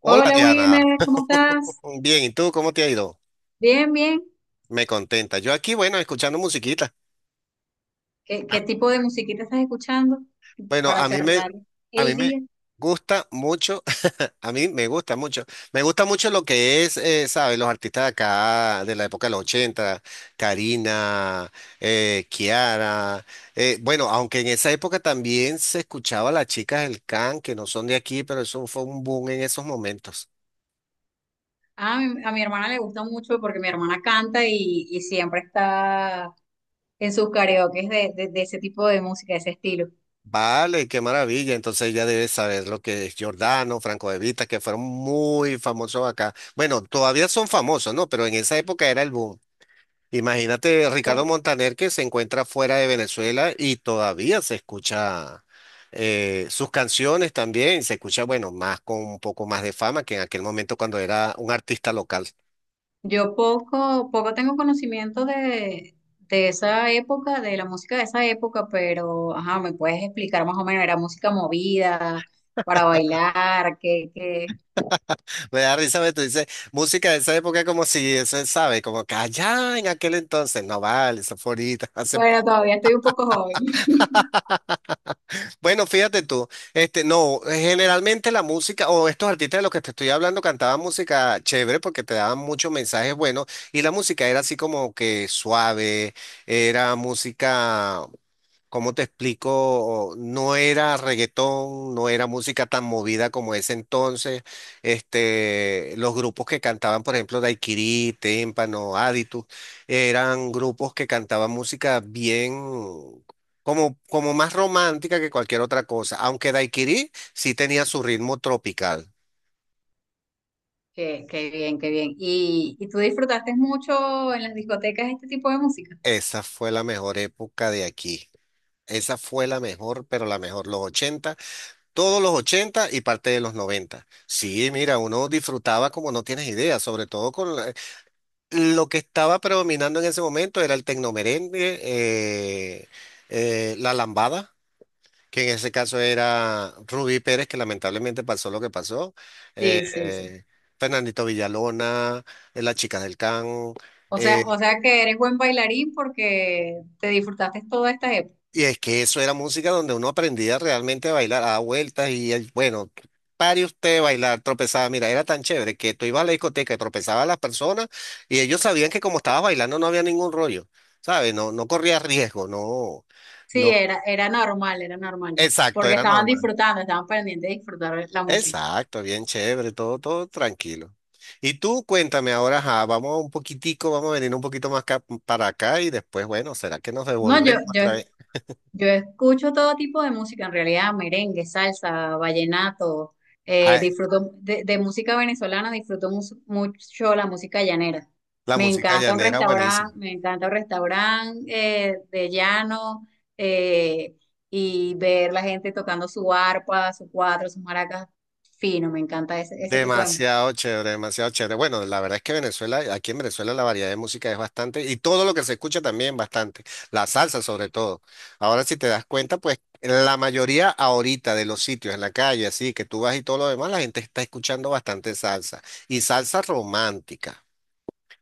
Hola Hola Diana, Wilmer, ¿cómo estás? bien, ¿y tú cómo te ha ido? Bien, bien. Me contenta. Yo aquí, bueno, escuchando musiquita. ¿Qué, Ah, qué tipo de musiquita estás escuchando Bueno, para a mí me, cerrar a mí el me día? gusta mucho, a mí me gusta mucho lo que es, ¿sabes? Los artistas de acá, de la época de los 80, Karina, Kiara. Bueno, aunque en esa época también se escuchaba a las chicas del can, que no son de aquí, pero eso fue un boom en esos momentos. Ah, a mi hermana le gusta mucho porque mi hermana canta y siempre está en sus karaoke de ese tipo de música, de ese estilo. Vale, qué maravilla. Entonces ya debes saber lo que es Giordano, Franco De Vita, que fueron muy famosos acá. Bueno, todavía son famosos, ¿no? Pero en esa época era el boom. Imagínate Ricardo No. Montaner, que se encuentra fuera de Venezuela y todavía se escucha, sus canciones también. Se escucha, bueno, más con un poco más de fama que en aquel momento cuando era un artista local. Yo poco tengo conocimiento de esa época, de la música de esa época, pero ajá, ¿me puedes explicar más o menos? ¿Era música movida para bailar? Qué qué. Me da risa, tú dices, música de esa época como si eso, ¿sabes? Como que allá en aquel entonces, no vale, eso fue ahorita, hace... Bueno, todavía estoy un poco joven. Bueno, fíjate tú, este, no, generalmente la música o estos artistas de los que te estoy hablando cantaban música chévere porque te daban muchos mensajes buenos y la música era así como que suave, era música... ¿Cómo te explico? No era reggaetón, no era música tan movida como ese entonces. Este, los grupos que cantaban, por ejemplo, Daiquiri, Témpano, Aditus, eran grupos que cantaban música bien, como, como más romántica que cualquier otra cosa. Aunque Daiquiri sí tenía su ritmo tropical. Qué bien, qué bien. ¿Y tú disfrutaste mucho en las discotecas este tipo de música? Esa fue la mejor época de aquí. Esa fue la mejor, pero la mejor, los 80. Todos los 80 y parte de los 90. Sí, mira, uno disfrutaba como no tienes idea, sobre todo con la- lo que estaba predominando en ese momento era el tecnomerengue, la lambada, que en ese caso era Rubí Pérez, que lamentablemente pasó lo que pasó, eh, Sí, sí, sí. eh, Fernandito Villalona, las chicas del Can, eh, O sea que eres buen bailarín porque te disfrutaste toda esta época. y es que eso era música donde uno aprendía realmente a bailar, a dar vueltas y el- bueno, pare usted de bailar, tropezaba, mira, era tan chévere que tú ibas a la discoteca y tropezabas a las personas y ellos sabían que como estabas bailando no había ningún rollo, ¿sabes? No, no corrías riesgo, no, Sí, no, era normal, era normal. exacto, Porque era estaban normal. disfrutando, estaban pendientes de disfrutar la música. Exacto, bien chévere, todo, todo tranquilo. Y tú cuéntame ahora, ajá, vamos un poquitico, vamos a venir un poquito más acá- para acá y después, bueno, ¿será que nos No, yo, devolvemos yo otra vez? Yo escucho todo tipo de música, en realidad, merengue, salsa, vallenato, Ay, disfruto de música venezolana, disfruto mucho la música llanera. la Me música encanta un llanera, buenísima. restaurante, me encanta un restaurante de llano eh, y ver la gente tocando su arpa, su cuatro, sus maracas, fino, me encanta ese tipo de música. Demasiado chévere, demasiado chévere. Bueno, la verdad es que Venezuela, aquí en Venezuela la variedad de música es bastante y todo lo que se escucha también bastante, la salsa sobre todo. Ahora si te das cuenta, pues la mayoría ahorita de los sitios en la calle, así que tú vas y todo lo demás, la gente está escuchando bastante salsa y salsa romántica.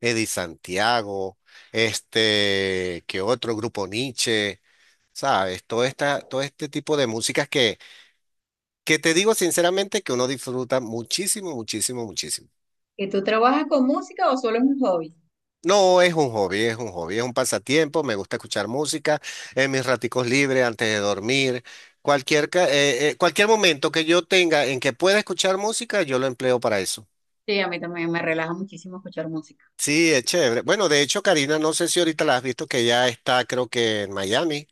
Eddie Santiago, este, que otro grupo, Nietzsche, ¿sabes? Todo esta, todo este tipo de músicas que te digo sinceramente que uno disfruta muchísimo, muchísimo, muchísimo. ¿Y tú trabajas con música o solo es un hobby? No, es un hobby, es un hobby, es un pasatiempo, me gusta escuchar música en mis raticos libres antes de dormir. Cualquier, ca- cualquier momento que yo tenga en que pueda escuchar música, yo lo empleo para eso. Sí, a mí también me relaja muchísimo escuchar música. Sí, es chévere. Bueno, de hecho, Karina, no sé si ahorita la has visto que ya está, creo que en Miami,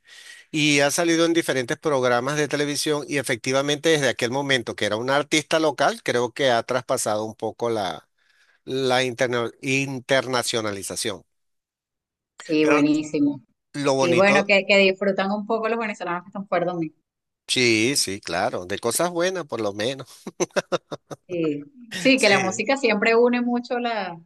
y ha salido en diferentes programas de televisión y efectivamente desde aquel momento que era una artista local, creo que ha traspasado un poco la, la interna- internacionalización. Sí, Pero buenísimo. lo Y bueno, bonito... que disfrutan un poco los venezolanos que están fuera domingo. Sí, sí, claro, de cosas buenas por lo menos. Y, sí, que la Sí, música siempre une mucho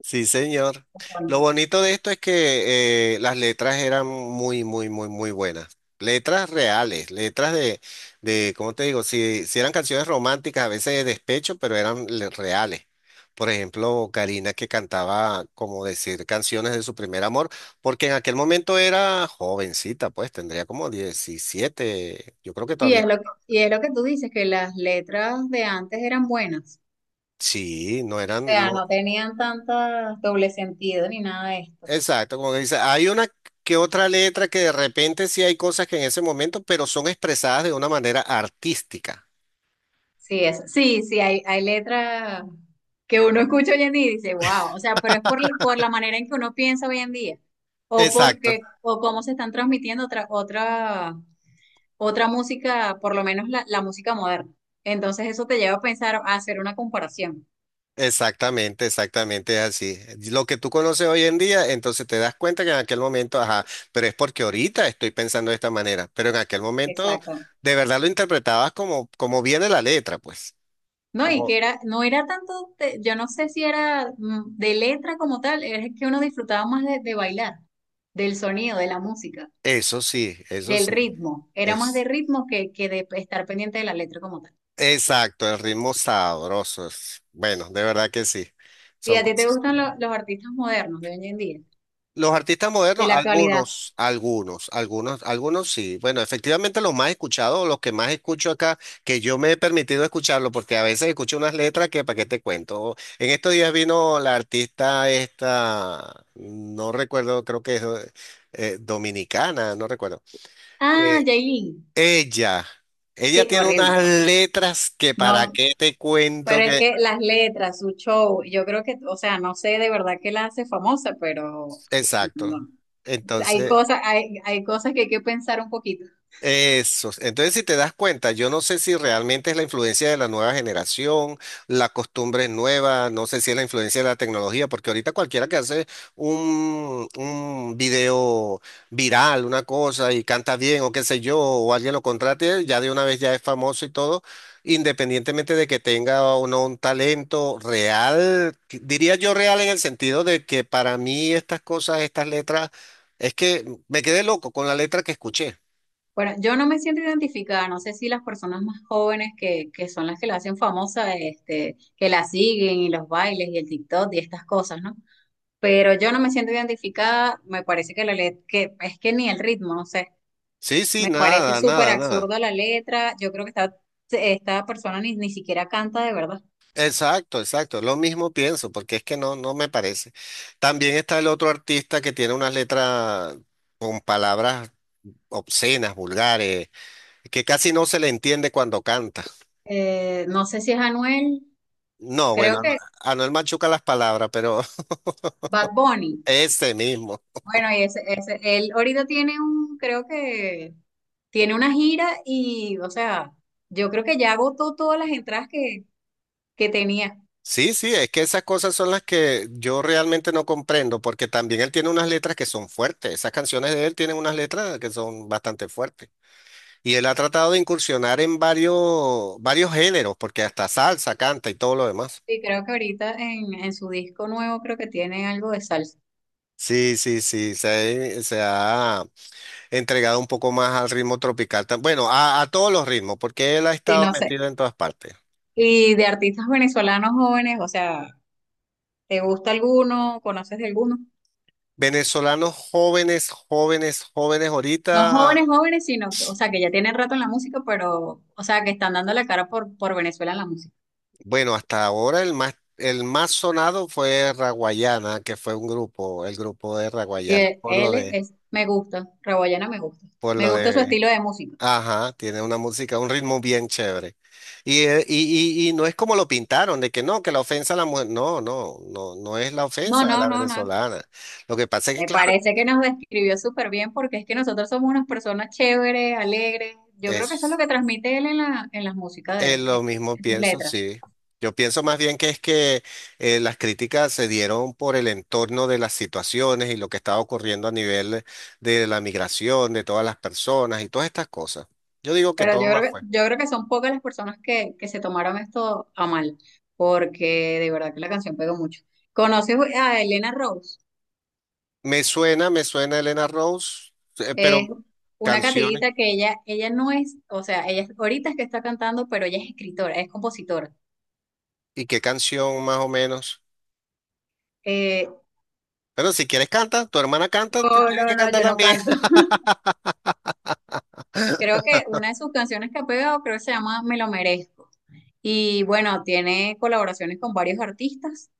sí, señor. Lo bueno, bonito de esto es que las letras eran muy, muy, muy, muy buenas. Letras reales, letras de, ¿cómo te digo? Si, si eran canciones románticas, a veces de despecho, pero eran le- reales. Por ejemplo, Karina, que cantaba, como decir, canciones de su primer amor, porque en aquel momento era jovencita, pues tendría como 17, yo creo que y todavía. es lo que, y es lo que tú dices, que las letras de antes eran buenas. Sí, no O eran, sea, no... no tenían tanta doble sentido ni nada de esto. Exacto, como que dice, hay una que otra letra que de repente sí hay cosas que en ese momento, pero son expresadas de una manera artística. Sí, sí, sí, hay letras que uno escucha hoy en día y dice, wow, o sea, pero es por la manera en que uno piensa hoy en día. O porque, Exacto, o cómo se están transmitiendo otra música, por lo menos la música moderna. Entonces eso te lleva a pensar, a hacer una comparación. exactamente, exactamente es así. Lo que tú conoces hoy en día, entonces te das cuenta que en aquel momento, ajá, pero es porque ahorita estoy pensando de esta manera, pero en aquel momento Exacto. de verdad lo interpretabas como, como viene la letra, pues. No, y que Como, no era tanto, yo no sé si era de letra como tal, es que uno disfrutaba más de bailar, del sonido, de la música, eso del sí, ritmo. Era más de es ritmo que de estar pendiente de la letra como tal. exacto, el ritmo sabroso. Es- Bueno, de verdad que sí. ¿Y Son a ti te cosas. gustan los artistas modernos de hoy en día, Los artistas de modernos, la actualidad? algunos, algunos, algunos, algunos sí. Bueno, efectivamente los más escuchados, los que más escucho acá, que yo me he permitido escucharlo, porque a veces escucho unas letras que para qué te cuento. En estos días vino la artista esta, no recuerdo, creo que es dominicana, no recuerdo. Ah, Eh, Yailin. ella, ella Sí, tiene horrible. unas letras que para No, qué te pero cuento es que, que las letras, su show, yo creo que, o sea, no sé de verdad qué la hace famosa, pero exacto. no. Hay Entonces... cosas, hay cosas que hay que pensar un poquito. Eso. Entonces, si te das cuenta, yo no sé si realmente es la influencia de la nueva generación, la costumbre es nueva, no sé si es la influencia de la tecnología, porque ahorita cualquiera que hace un video viral, una cosa, y canta bien o qué sé yo, o alguien lo contrate, ya de una vez ya es famoso y todo, independientemente de que tenga o no un talento real, que- diría yo real en el sentido de que para mí estas cosas, estas letras, es que me quedé loco con la letra que escuché. Bueno, yo no me siento identificada, no sé si las personas más jóvenes que son las que la hacen famosa, que la siguen y los bailes y el TikTok y estas cosas, ¿no? Pero yo no me siento identificada, me parece que la letra, que es que ni el ritmo, no sé, Sí, sí, me parece nada, súper nada, nada. absurda la letra, yo creo que esta persona ni siquiera canta de verdad. Exacto, exacto. Lo mismo pienso, porque es que no, no me parece. También está el otro artista que tiene unas letras con palabras obscenas, vulgares, que casi no se le entiende cuando canta. No sé si es Anuel, No, bueno, creo que a Anuel machuca las palabras, pero Bad Bunny. ese mismo. Bueno, y él ahorita tiene creo que tiene una gira y, o sea, yo creo que ya agotó todas las entradas que tenía. Sí, sí, es que esas cosas son las que yo realmente no comprendo, porque también él tiene unas letras que son fuertes. Esas canciones de él tienen unas letras que son bastante fuertes. Y él ha tratado de incursionar en varios, varios géneros, porque hasta salsa canta y todo lo demás. Y creo que ahorita en su disco nuevo creo que tiene algo de salsa. Sí, sí, sí, se ha entregado un poco más al ritmo tropical. Tam- Bueno, a todos los ritmos, porque él ha Sí, estado no sé. metido en todas partes. Y de artistas venezolanos jóvenes, o sea, ¿te gusta alguno? ¿Conoces de alguno? Venezolanos jóvenes, jóvenes, jóvenes, No ahorita, jóvenes, jóvenes, sino, o sea, que ya tienen rato en la música, pero, o sea, que están dando la cara por Venezuela en la música. bueno, hasta ahora el más sonado fue Raguayana, que fue un grupo, el grupo de Y Raguayana, él por lo él de, me gusta, Raboyana me gusta. por Me lo gusta su de... estilo de música. Ajá, tiene una música, un ritmo bien chévere. Y no es como lo pintaron, de que no, que la ofensa a la mujer. No, no, no, no es la No, ofensa a no, la no, no. venezolana. Lo que pasa es que, Me claro, parece que nos describió súper bien porque es que nosotros somos unas personas chéveres, alegres. Yo creo que eso es lo es que transmite él en las músicas de, en, lo mismo en sus pienso, letras. sí. Yo pienso más bien que es que las críticas se dieron por el entorno de las situaciones y lo que estaba ocurriendo a nivel de la migración, de todas las personas y todas estas cosas. Yo digo que Pero todo yo creo más que, fue. yo creo que son pocas las personas que se tomaron esto a mal, porque de verdad que la canción pegó mucho. ¿Conoces a Elena Rose? Me suena Elena Rose, pero Es una canciones. catirita que ella no es, o sea, ella ahorita es que está cantando, pero ella es escritora, es compositora. ¿Y qué canción más o menos? Eh, Bueno, si quieres canta, tu hermana canta, tú no, tienes no, que no, cantar yo no también. canto. Creo que una de sus canciones que ha pegado, creo que se llama Me lo merezco. Y bueno, tiene colaboraciones con varios artistas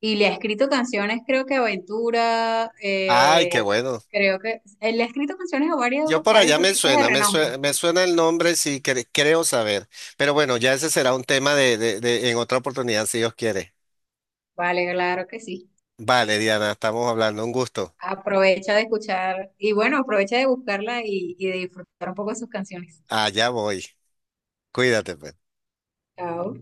y le ha escrito canciones, creo que a Ventura, Ay, qué bueno. creo que él le ha escrito canciones a varios, Yo por varios allá me artistas de suena, me renombre. suena, me suena el nombre si cre- creo saber. Pero bueno, ya ese será un tema de- en otra oportunidad, si Dios quiere. Vale, claro que sí. Vale, Diana, estamos hablando, un gusto. Aprovecha de escuchar y bueno, aprovecha de buscarla y de disfrutar un poco de sus canciones. Allá voy. Cuídate, pues. Chao.